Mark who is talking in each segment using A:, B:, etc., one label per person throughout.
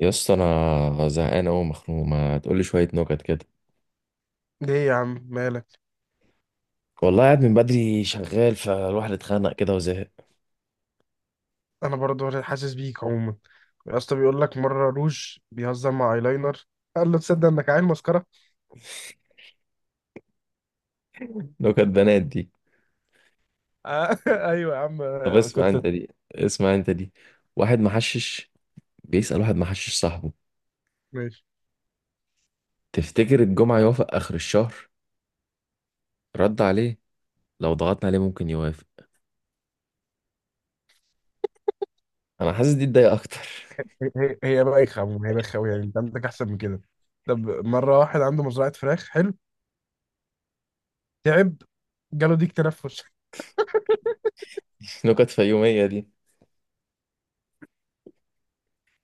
A: يا اسطى انا زهقان قوي مخنوق، ما تقولي شويه نكت كده.
B: ليه يا عم مالك؟
A: والله قاعد من بدري شغال فالواحد اتخانق كده وزهق.
B: انا برضو حاسس بيك عموما. يا اسطى، بيقول لك مره روج بيهزر مع ايلاينر، قال له تصدق انك عيل مسكره؟
A: نكت بنات دي؟
B: آه، ايوه يا عم،
A: طب
B: آه،
A: اسمع
B: كنت
A: انت دي. اسمع انت دي. واحد محشش بيسأل واحد محشش صاحبه:
B: ماشي.
A: تفتكر الجمعه يوافق اخر الشهر؟ رد عليه: لو ضغطنا عليه ممكن يوافق. انا حاسس دي تضايق اكتر.
B: هي بايخه عموما، هي بايخه قوي يعني. انت عندك احسن من كده؟ طب، مره واحد عنده مزرعه فراخ، حلو، تعب، جاله ديك تنفس.
A: نكت فيوميه دي.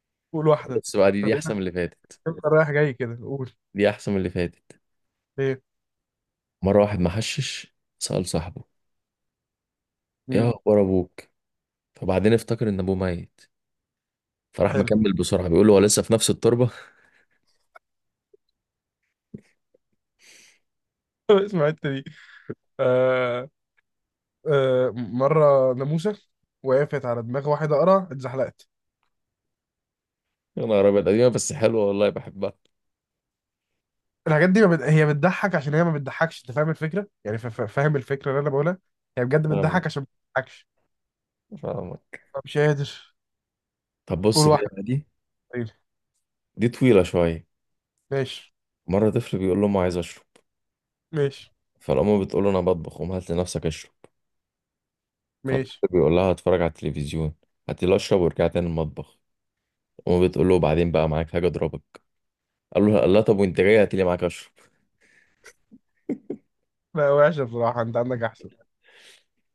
B: قول واحده.
A: بس بقى دي احسن
B: خلينا
A: من اللي فاتت.
B: رايح جاي كده، قول
A: دي احسن من اللي فاتت.
B: ايه.
A: مره واحد محشش سأل صاحبه: ايه
B: مم.
A: اخبار ابوك؟ فبعدين افتكر ان ابوه ميت، فراح
B: حلو.
A: مكمل بسرعة بيقول له: هو لسه في نفس التربة؟
B: اسمع الحته دي. آه، آه، مره ناموسه وقفت على دماغ واحد اقرع، اتزحلقت.
A: يا نهار أبيض، قديمة بس حلوة والله بحبها.
B: الحاجات دي ما بت... هي بتضحك عشان هي ما بتضحكش، انت فاهم الفكره يعني، فاهم الفكره اللي انا بقولها. هي بجد
A: فاهمك.
B: بتضحك عشان ما بتضحكش.
A: فاهمك.
B: مش قادر.
A: طب
B: قول
A: بص كده
B: واحد.
A: بقى دي.
B: طيب.
A: دي طويلة شوية.
B: ماشي.
A: مرة طفل بيقول لأمه: عايز أشرب.
B: ماشي.
A: فالأم بتقول له: أنا بطبخ، قوم هات لنفسك أشرب.
B: ماشي.
A: فالطفل بيقول لها: هتفرج على التلفزيون، هاتي لي أشرب وارجع تاني المطبخ. أمه بتقول له: بعدين بقى معاك حاجة أضربك. قال له: لا طب وأنت جاي هاتي لي معاك أشرب.
B: لا، وحشه بصراحه، انت عندك احسن.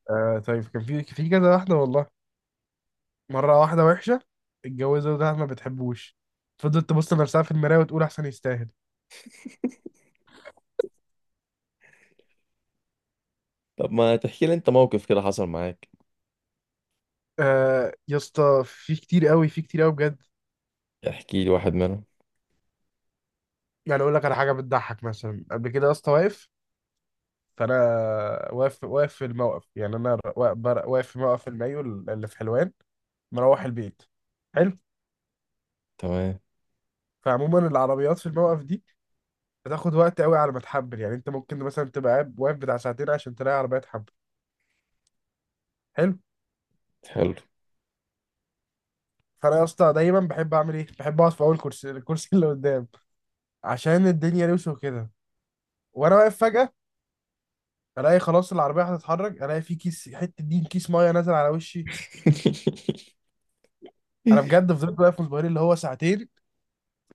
B: آه طيب، كان في كذا واحده والله. مره واحده وحشه اتجوزها وده ما بتحبوش، فضلت تبص لنفسها في المرايه وتقول احسن يستاهل.
A: طب ما تحكي لي أنت موقف كده حصل معاك؟
B: آه يا اسطى، في كتير قوي، في كتير قوي بجد.
A: احكي لي واحد منهم.
B: يعني اقول لك على حاجه بتضحك مثلا، قبل كده يا اسطى واقف، فانا واقف. واقف في الموقف، يعني انا واقف في موقف المايو اللي في حلوان، مروح البيت. حلو.
A: تمام.
B: فعموما العربيات في الموقف دي بتاخد وقت قوي على ما تحبل، يعني انت ممكن مثلا تبقى واقف بتاع ساعتين عشان تلاقي عربيه تحبل. حلو.
A: حلو.
B: فانا يا اسطى دايما بحب اعمل ايه، بحب اقعد في اول كرسي، الكرسي اللي قدام، عشان الدنيا لوسه كده. وانا واقف فجاه الاقي خلاص العربيه هتتحرك، الاقي في كيس، حته دين كيس ميه نازل على وشي. انا بجد فضلت واقف مصبرين اللي هو ساعتين.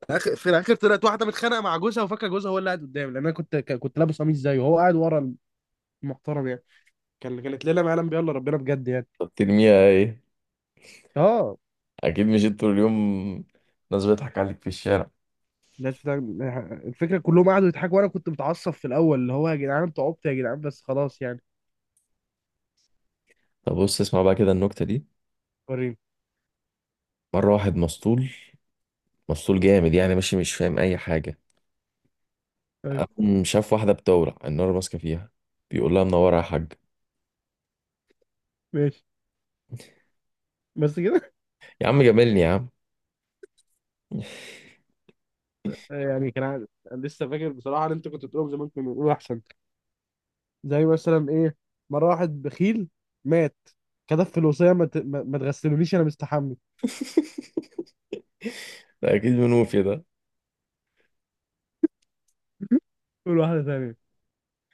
B: في الاخر طلعت واحده متخانقه مع جوزها وفاكره جوزها هو اللي قاعد قدامي، لان انا كنت لابس قميص زيه وهو قاعد ورا، المحترم يعني. كانت ليله ما يعلم بيها الا ربنا، بجد يعني.
A: طب ترميها إيه؟
B: اه،
A: اكيد مش انت طول اليوم، ناس بتضحك عليك في الشارع.
B: الناس بتاع- الفكره كلهم قعدوا يضحكوا، وانا كنت متعصب في الاول، اللي هو يا جدعان انتوا عبط، يا جدعان بس خلاص يعني.
A: طب بص اسمع بقى كده النكتة دي.
B: وريني.
A: مرة واحد مسطول، مسطول جامد يعني، ماشي مش فاهم اي حاجة.
B: طيب.
A: قام شاف واحدة بتولع النار ماسكة فيها، بيقول لها: منورة يا حاج.
B: ماشي. بس كده؟
A: يا عم جاملني يا عم.
B: يعني كان عادي. أنا لسه فاكر بصراحه ان انت كنت بتقولهم زمان، كنا بنقول احسن، زي مثلا ايه. مره واحد بخيل مات، كتب في الوصيه ما ت- ما- ما تغسلونيش انا مستحمي.
A: ده اكيد منوفي ده.
B: قول واحده ثانيه،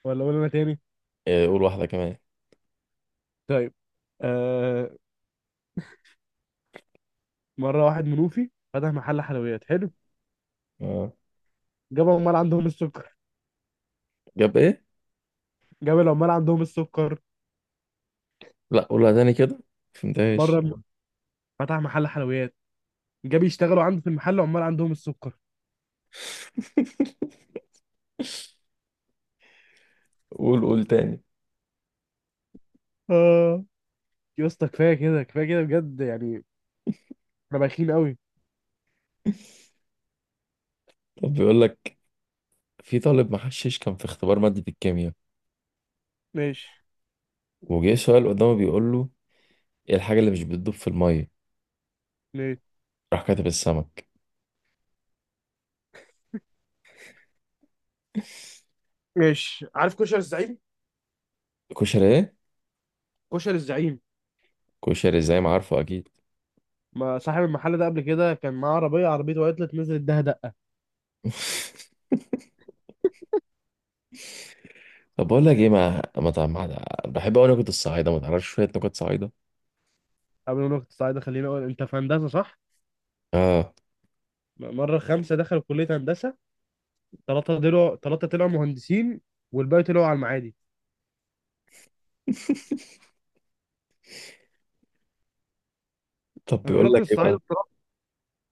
B: ولا قول انا تاني.
A: إيه، قول واحدة كمان.
B: طيب، آه. مره واحد منوفي فتح محل حلويات، حلو،
A: آه.
B: جاب عمال عندهم السكر.
A: جاب ايه؟
B: جاب العمال عندهم السكر.
A: لا قولها تاني كده،
B: مره
A: مفهمتهاش.
B: م- فتح محل حلويات، جاب يشتغلوا عنده في المحل عمال عندهم السكر.
A: قول، قول تاني.
B: اه، يا اسطى كفايه كده، كفايه كده بجد يعني، احنا بايخين قوي.
A: طب بيقول لك في طالب محشش كان في اختبار مادة الكيمياء،
B: ماشي.
A: وجه سؤال قدامه بيقول له: ايه الحاجة اللي مش بتدوب في المية؟
B: ماشي.
A: راح كاتب السمك.
B: ماشي، عارف كشري الزعيم.
A: كشري ايه؟
B: كشري الزعيم،
A: كشري زي ما عارفه اكيد.
B: ما صاحب المحل ده قبل كده كان معاه عربيه، عربيته وقعت نزلت اداها دقه.
A: طب بقول لك ايه، ما ما تع- ما- بحب اقول نكت الصعايده، ما تعرفش شويه نكت صعايده؟
B: قبل ما نروح الصعيد، خليني اقول، انت في هندسه صح؟
A: اه.
B: مره 5 دخلوا كليه هندسه، 3 طلعوا، 3 طلعوا مهندسين، والباقي طلعوا على المعادي.
A: طب بيقول
B: الراجل
A: لك ايه
B: الصعايدة
A: بقى.
B: بصراحة.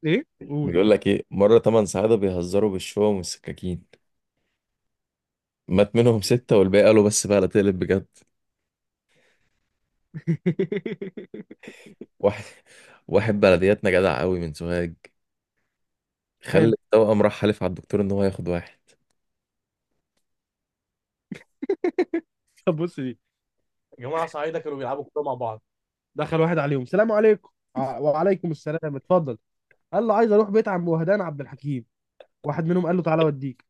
B: ايه؟ قول.
A: بيقول لك ايه، مره ثمان صعايده بيهزروا بالشوم والسكاكين، مات منهم سته والباقي قالوا: بس بقى لا تقلب بجد. واحد، واحد بلدياتنا جدع قوي من سوهاج، خلى
B: حلو.
A: التوأم راح حلف على الدكتور ان هو هياخد واحد.
B: طب بص دي، جماعه صعيده كانوا بيلعبوا كوره مع بعض، دخل واحد عليهم، سلام عليكم، وعليكم السلام اتفضل، قال له عايز اروح بيت عم وهدان عبد الحكيم. واحد منهم قال له تعالى اوديك،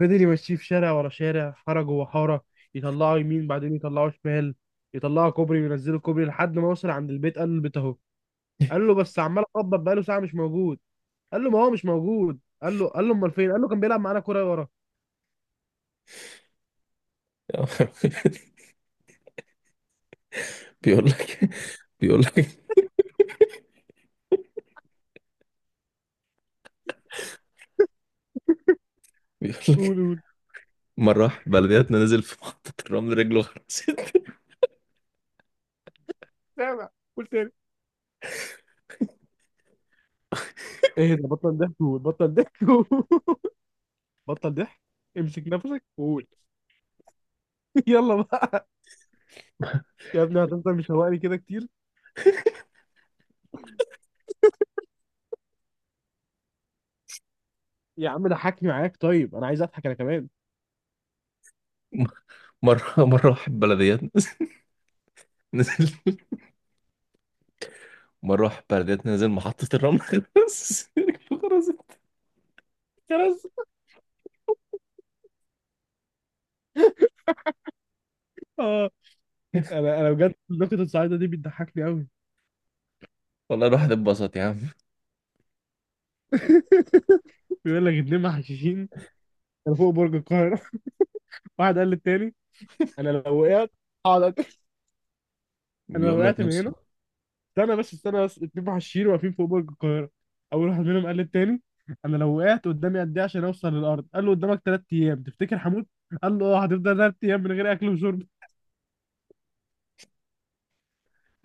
B: فضل يمشيه في شارع ورا شارع، حاره جوه حاره، يطلعه يمين بعدين يطلعه شمال، يطلعه كوبري وينزله كوبري، لحد ما وصل عند البيت، قال له البيت اهو. قال له بس عمال اخبط بقاله ساعه مش موجود. قال له ما هو مش موجود. قال له امال فين؟ قال له كان بيلعب معانا كوره ورا.
A: بيقول لك. بيقول لك. بيقول
B: قول،
A: لك
B: قول.
A: مرة واحد بلدياتنا نزل في محطة الرمل رجله غرزت.
B: سامع؟ قول تاني. ايه ده، بطل ضحك، قول، بطل ضحك قول. بطل ضحك، امسك نفسك وقول. يلا بقى، يا ابني هتفضل مشوقني كده كتير، يا عم ضحكني معاك، طيب انا عايز اضحك انا كمان.
A: مرة واحد بلدياتنا نزل. مرة واحد بلدياتنا نزل محطة الرمل غرز، رجله غرزت.
B: خلاص. اه، انا بجد نقطة السعيدة دي بتضحكني قوي.
A: والله الواحد اتبسط يا عم.
B: بيقول لك 2 محششين كانوا فوق برج القاهرة، واحد قال للتاني انا لو وقعت هقعد أك- انا لو
A: بيقول لك
B: وقعت
A: يا
B: من هنا.
A: اسطى.
B: استنى بس، استنى بس، 2 محشيين واقفين فوق برج القاهرة، أول واحد منهم قال للتاني أنا لو وقعت قدامي قد إيه عشان أوصل للأرض؟ قال له قدامك 3 أيام. تفتكر هموت؟ قال له أه، هتفضل 3 أيام من غير أكل وشرب.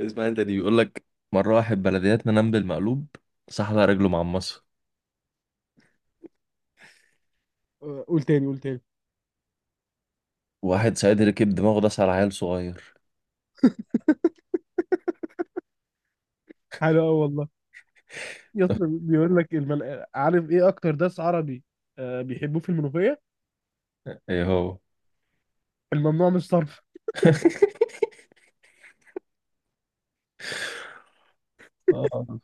A: اسمع انت دي. بيقول لك مرة واحد بلدياتنا نام بالمقلوب، صح على رجله معمصة.
B: آه، قول تاني، قول تاني.
A: واحد سعيد ركب دماغه داس على عيل صغير.
B: حلو أوي والله. يا اسطى بيقول لك عارف إيه أكتر داس عربي؟ آه، بيحبوه في المنوفية؟
A: ايه هو؟
B: الممنوع من الصرف.
A: آه.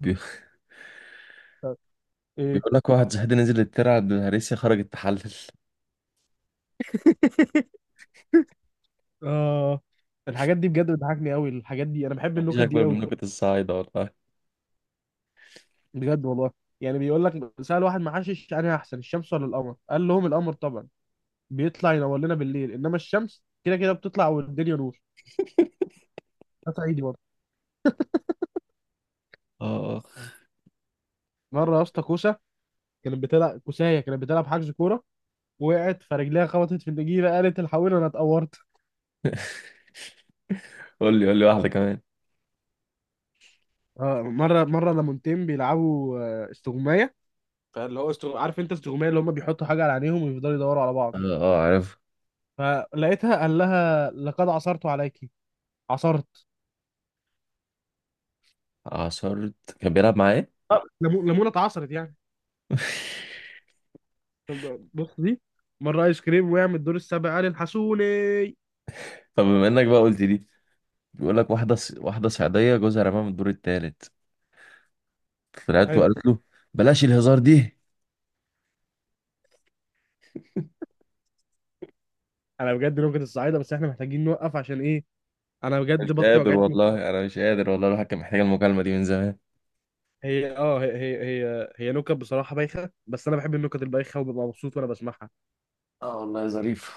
A: بي-
B: طب، إيه؟
A: بيقول لك واحد زهدان نزل الترعة بالهريسة، خرجت تحلل.
B: آه، الحاجات دي بجد بتضحكني قوي، الحاجات دي انا بحب
A: مفيش
B: النكت دي
A: أكبر من
B: قوي،
A: نكت الصعايدة والله.
B: بجد والله. يعني بيقول لك، سأل واحد محشش، انا احسن الشمس ولا القمر؟ قال لهم القمر طبعا، بيطلع ينور لنا بالليل، انما الشمس كده كده بتطلع والدنيا نور. ده صعيدي برضه.
A: اه.
B: مره يا اسطى كوسه كانت بتلعب كوسايه، كانت بتلعب حجز كوره، وقعت فرجليها، خبطت في النجيله قالت الحقوني انا اتقورت.
A: قول لي، قول لي واحدة كمان.
B: آه، مره لمونتين بيلعبوا آه، استغمايه، فاللي هو عارف انت استغمايه، اللي هم بيحطوا حاجه على عينيهم ويفضلوا يدوروا على
A: اه.
B: بعض،
A: آه، عارف.
B: فلقيتها قال لها لقد عصرت عليكي. عصرت.
A: عصرت كان بيلعب معاه إيه؟
B: آه، ليمونه اتعصرت يعني. طب بص دي، مره ايس كريم وقع من الدور السابع، قال الحسوني.
A: طب بما إنك بقى قلت دي، بيقول لك واحدة صعيدية جوزها رماها من الدور التالت، طلعت له
B: حلو.
A: قالت له: بلاش الهزار دي.
B: انا بجد لغة الصعايدة، بس احنا محتاجين نوقف عشان ايه، انا
A: مش
B: بجد بطني
A: قادر
B: وجعتني.
A: والله، أنا مش قادر والله، الواحد كان محتاج المكالمة دي من زمان.
B: هي, هي نكت بصراحة بايخة، بس انا بحب النكت البايخة وببقى مبسوط وانا بسمعها.
A: اه والله يا ظريف.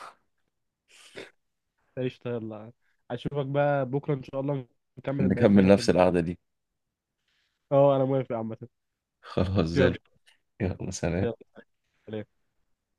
B: قشطة، يلا، اشوفك بقى بكرة ان شاء الله، نكمل بقية
A: نكمل
B: النكت
A: نفس
B: دي.
A: القعدة دي.
B: اه انا موافق عامة.
A: خلاص زي
B: يلا.
A: الفل. يلا سلام.
B: يلا سلام.